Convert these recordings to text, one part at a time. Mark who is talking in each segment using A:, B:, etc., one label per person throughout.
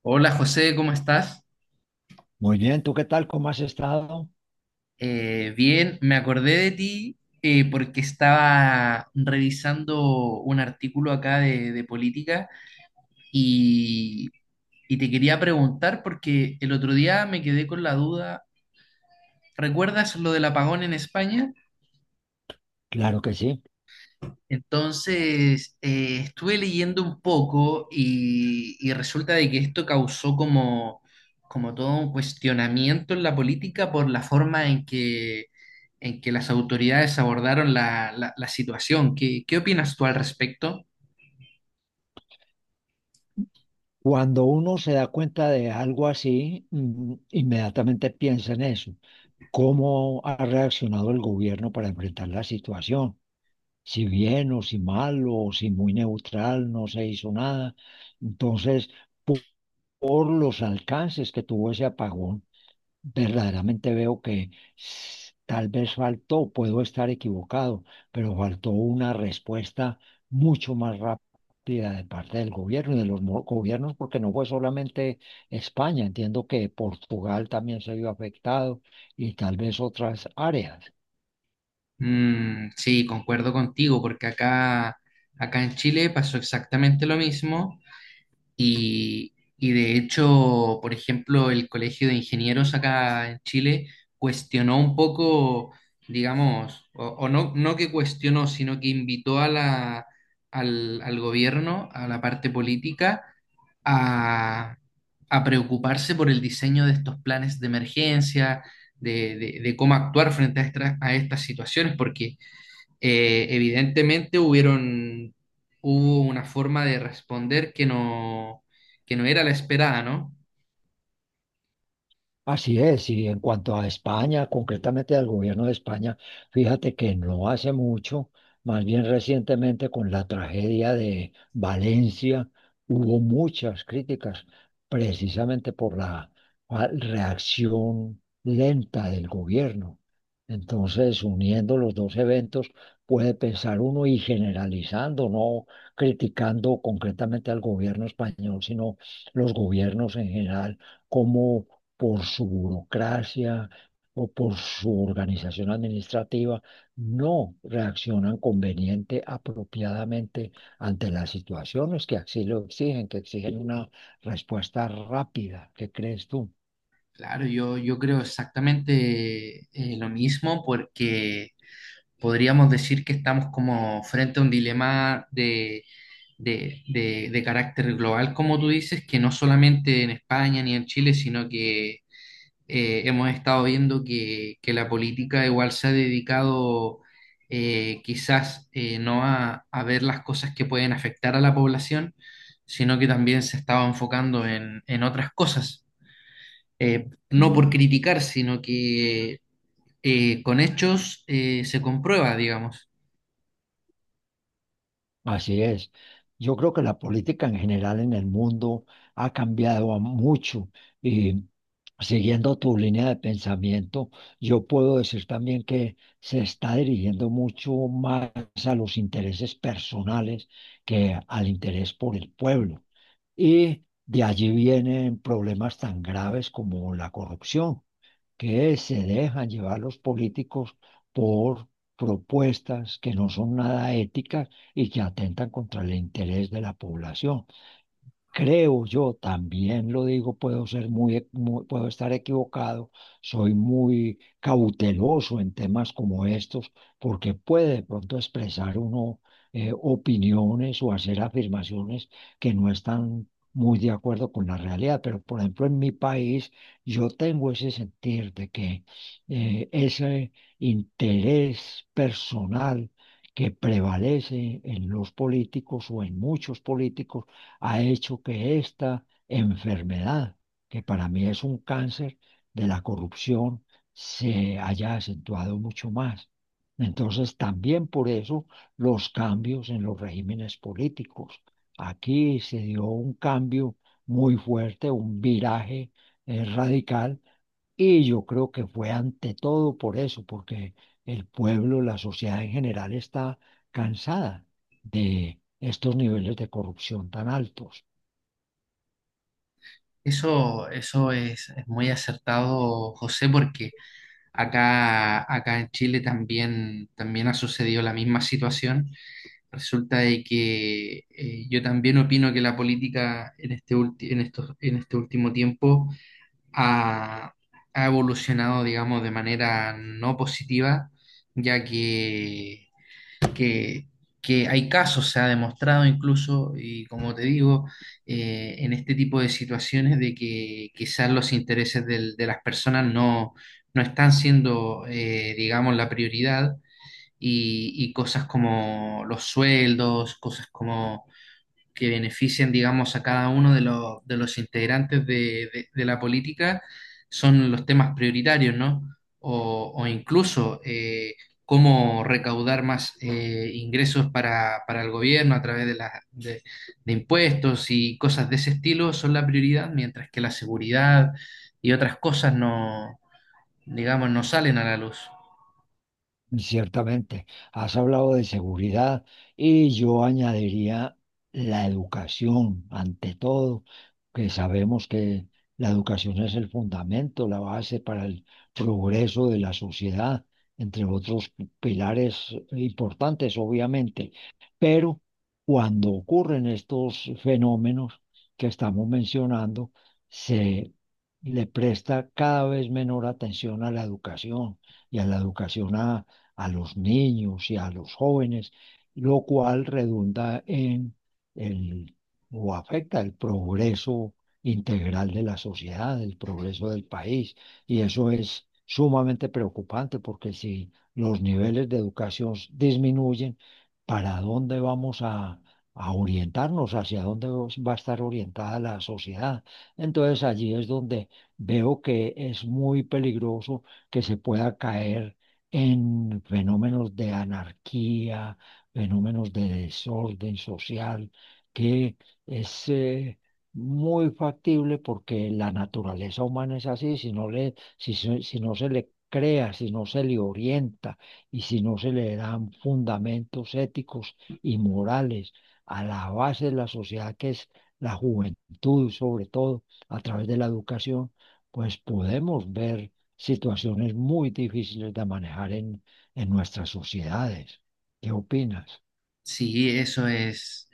A: Hola José, ¿cómo estás?
B: Muy bien, ¿tú qué tal? ¿Cómo has estado?
A: Bien, me acordé de ti porque estaba revisando un artículo acá de política y, y te quería preguntar porque el otro día me quedé con la duda, ¿recuerdas lo del apagón en España?
B: Claro que sí.
A: Entonces, estuve leyendo un poco y resulta de que esto causó como todo un cuestionamiento en la política por la forma en que las autoridades abordaron la situación. ¿Qué opinas tú al respecto?
B: Cuando uno se da cuenta de algo así, inmediatamente piensa en eso. ¿Cómo ha reaccionado el gobierno para enfrentar la situación? Si bien o si mal o si muy neutral, no se hizo nada. Entonces, po- por los alcances que tuvo ese apagón. Verdaderamente veo que tal vez faltó, puedo estar equivocado, pero faltó una respuesta mucho más rápida de parte del gobierno y de los gobiernos, porque no fue solamente España, entiendo que Portugal también se vio afectado y tal vez otras áreas.
A: Mm, sí, concuerdo contigo, porque acá en Chile pasó exactamente lo mismo. Y de hecho, por ejemplo, el Colegio de Ingenieros acá en Chile cuestionó un poco, digamos, o no que cuestionó, sino que invitó al gobierno, a la parte política, a, a preocuparse por el diseño de estos planes de emergencia, de cómo actuar frente a estas situaciones, porque evidentemente hubo una forma de responder que no era la esperada, ¿no?
B: Así es, y en cuanto a España, concretamente al gobierno de España, fíjate que no hace mucho, más bien recientemente con la tragedia de Valencia, hubo muchas críticas precisamente por la reacción lenta del gobierno. Entonces, uniendo los dos eventos, puede pensar uno y generalizando, no criticando concretamente al gobierno español, sino los gobiernos en general, cómo por su burocracia o por su organización administrativa, no reaccionan conveniente, apropiadamente ante las situaciones que así lo exigen, que exigen una respuesta rápida. ¿Qué crees tú?
A: Claro, yo creo exactamente lo mismo porque podríamos decir que estamos como frente a un dilema de carácter global, como tú dices, que no solamente en España ni en Chile, sino que hemos estado viendo que la política igual se ha dedicado quizás no a ver las cosas que pueden afectar a la población, sino que también se estaba enfocando en otras cosas. No por criticar, sino que con hechos se comprueba, digamos.
B: Así es. Yo creo que la política en general en el mundo ha cambiado a mucho y siguiendo tu línea de pensamiento, yo puedo decir también que se está dirigiendo mucho más a los intereses personales que al interés por el pueblo. Y de allí vienen problemas tan graves como la corrupción que se dejan llevar los políticos por propuestas que no son nada éticas y que atentan contra el interés de la población. Creo yo, también lo digo, puedo ser muy, puedo estar equivocado, soy muy cauteloso en temas como estos, porque puede de pronto expresar uno opiniones o hacer afirmaciones que no están muy de acuerdo con la realidad. Pero, por ejemplo, en mi país, yo tengo ese sentir de que ese interés personal que prevalece en los políticos o en muchos políticos ha hecho que esta enfermedad, que para mí es un cáncer de la corrupción, se haya acentuado mucho más. Entonces, también por eso los cambios en los regímenes políticos. Aquí se dio un cambio muy fuerte, un viraje radical y yo creo que fue ante todo por eso, porque el pueblo, la sociedad en general está cansada de estos niveles de corrupción tan altos.
A: Eso es muy acertado, José, porque acá en Chile también ha sucedido la misma situación. Resulta de que yo también opino que la política en este en este último tiempo ha, ha evolucionado, digamos, de manera no positiva, ya que, que hay casos, se ha demostrado incluso, y como te digo, en este tipo de situaciones de que quizás los intereses de las personas no están siendo, digamos, la prioridad y cosas como los sueldos, cosas como que benefician, digamos, a cada uno de de los integrantes de la política, son los temas prioritarios, ¿no? O incluso cómo recaudar más ingresos para el gobierno a través de impuestos y cosas de ese estilo son la prioridad, mientras que la seguridad y otras cosas no, digamos, no salen a la luz.
B: Ciertamente, has hablado de seguridad y yo añadiría la educación, ante todo, que sabemos que la educación es el fundamento, la base para el progreso de la sociedad, entre otros pilares importantes, obviamente. Pero cuando ocurren estos fenómenos que estamos mencionando, se le presta cada vez menor atención a la educación y a la educación a los niños y a los jóvenes, lo cual redunda en el o afecta el progreso integral de la sociedad, el progreso del país. Y eso es sumamente preocupante porque si los niveles de educación disminuyen, ¿para dónde vamos a orientarnos? ¿Hacia dónde va a estar orientada la sociedad? Entonces allí es donde veo que es muy peligroso que se pueda caer en fenómenos de anarquía, fenómenos de desorden social, que es muy factible porque la naturaleza humana es así, si no le, si, si no se le crea, si no se le orienta y si no se le dan fundamentos éticos y morales a la base de la sociedad que es la juventud, sobre todo a través de la educación, pues podemos ver situaciones muy difíciles de manejar en nuestras sociedades. ¿Qué opinas?
A: Sí, eso es.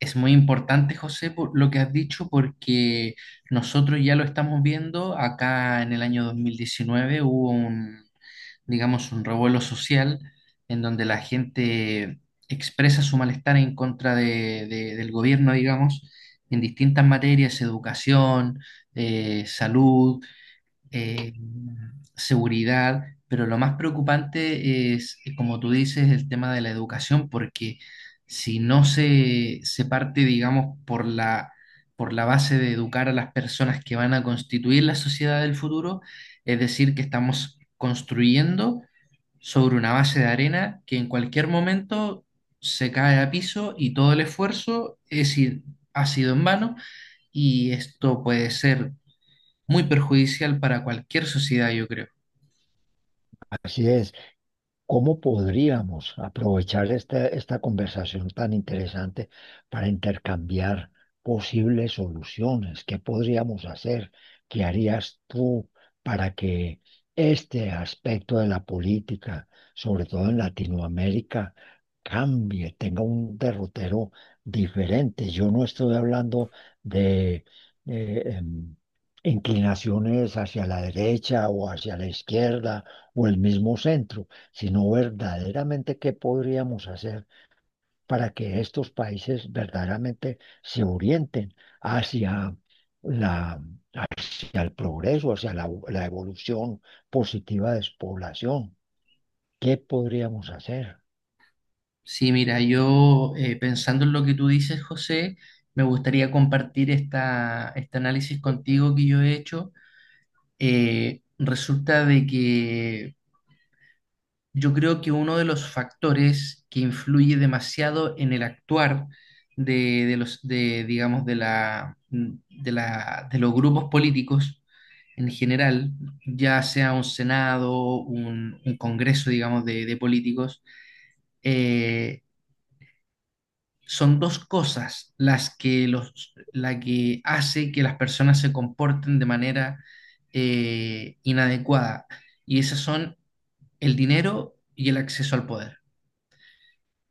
A: Es muy importante, José, por lo que has dicho, porque nosotros ya lo estamos viendo. Acá en el año 2019 hubo un, digamos, un revuelo social en donde la gente expresa su malestar en contra del gobierno, digamos, en distintas materias: educación, salud, eh, seguridad, pero lo más preocupante es, como tú dices, el tema de la educación, porque si no se parte, digamos, por por la base de educar a las personas que van a constituir la sociedad del futuro, es decir, que estamos construyendo sobre una base de arena que en cualquier momento se cae a piso y todo el esfuerzo ha sido en vano. Y esto puede ser muy perjudicial para cualquier sociedad, yo creo.
B: Así es. ¿Cómo podríamos aprovechar esta, esta conversación tan interesante para intercambiar posibles soluciones? ¿Qué podríamos hacer? ¿Qué harías tú para que este aspecto de la política, sobre todo en Latinoamérica, cambie, tenga un derrotero diferente? Yo no estoy hablando de... em, inclinaciones hacia la derecha o hacia la izquierda o el mismo centro sino verdaderamente qué podríamos hacer para que estos países verdaderamente se orienten hacia la, hacia el progreso, hacia la, la evolución positiva de su población. ¿Qué podríamos hacer?
A: Sí, mira, yo pensando en lo que tú dices, José, me gustaría compartir este análisis contigo que yo he hecho. Resulta de que yo creo que uno de los factores que influye demasiado en el actuar digamos, de los grupos políticos en general, ya sea un Senado, un Congreso, digamos, de políticos, eh, son dos cosas la que hace que las personas se comporten de manera inadecuada. Y esas son el dinero y el acceso al poder.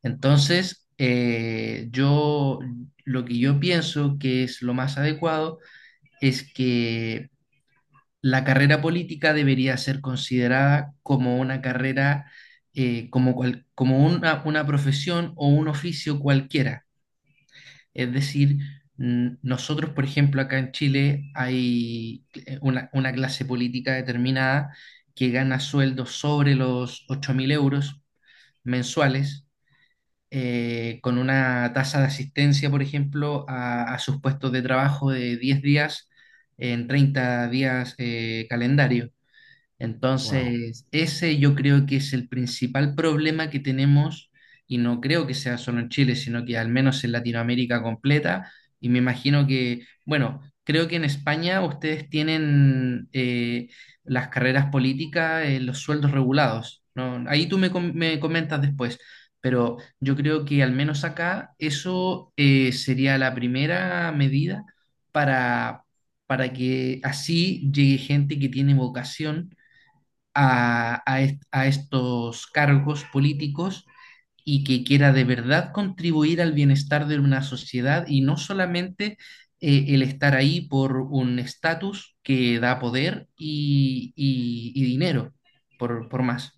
A: Entonces, yo lo que yo pienso que es lo más adecuado es que la carrera política debería ser considerada como una carrera, como una profesión o un oficio cualquiera. Es decir, nosotros, por ejemplo, acá en Chile hay una clase política determinada que gana sueldos sobre los 8.000 euros mensuales, con una tasa de asistencia, por ejemplo, a sus puestos de trabajo de 10 días en 30 días calendario.
B: Wow.
A: Entonces, ese yo creo que es el principal problema que tenemos, y no creo que sea solo en Chile, sino que al menos en Latinoamérica completa, y me imagino que, bueno, creo que en España ustedes tienen las carreras políticas, los sueldos regulados, ¿no? Ahí tú me comentas después, pero yo creo que al menos acá eso sería la primera medida para, para que así llegue gente que tiene vocación a estos cargos políticos y que quiera de verdad contribuir al bienestar de una sociedad y no solamente el estar ahí por un estatus que da poder y dinero, por más.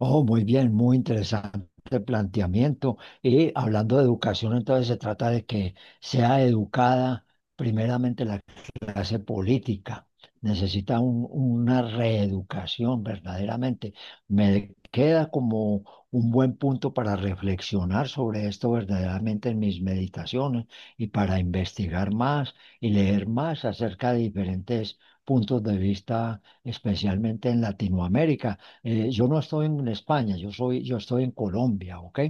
B: Oh, muy bien, muy interesante planteamiento. Y hablando de educación, entonces se trata de que sea educada primeramente la clase política. Necesita una reeducación verdaderamente. Me queda como un buen punto para reflexionar sobre esto verdaderamente en mis meditaciones y para investigar más y leer más acerca de diferentes puntos de vista, especialmente en Latinoamérica. Yo no estoy en España, yo soy, yo estoy en Colombia, ¿ok?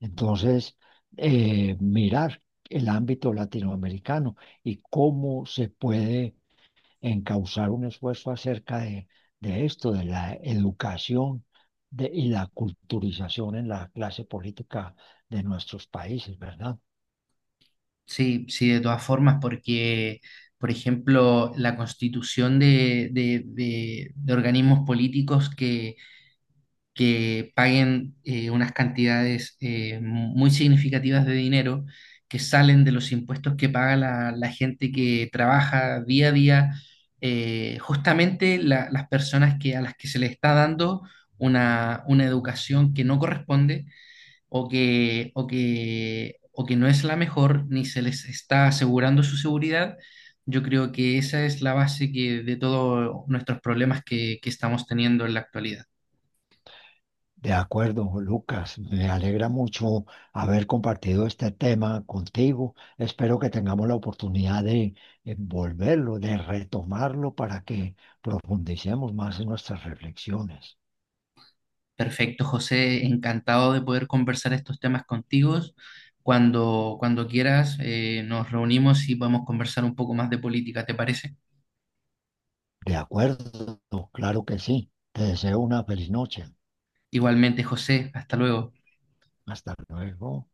B: Entonces, mirar el ámbito latinoamericano y cómo se puede encauzar un esfuerzo acerca de esto, de la educación y la culturización en la clase política de nuestros países, ¿verdad?
A: Sí, sí, de todas formas, porque, por ejemplo, la constitución de organismos políticos que paguen unas cantidades muy significativas de dinero que salen de los impuestos que paga la gente que trabaja día a día, justamente las personas a las que se les está dando una educación que no corresponde o que no es la mejor, ni se les está asegurando su seguridad. Yo creo que esa es la base de todos nuestros problemas que estamos teniendo en la actualidad.
B: De acuerdo, Lucas, me alegra mucho haber compartido este tema contigo. Espero que tengamos la oportunidad de volverlo, de retomarlo para que profundicemos más en nuestras reflexiones.
A: Perfecto, José, encantado de poder conversar estos temas contigo. Cuando quieras, nos reunimos y podemos conversar un poco más de política, ¿te parece?
B: De acuerdo, claro que sí. Te deseo una feliz noche.
A: Igualmente, José, hasta luego.
B: Hasta luego.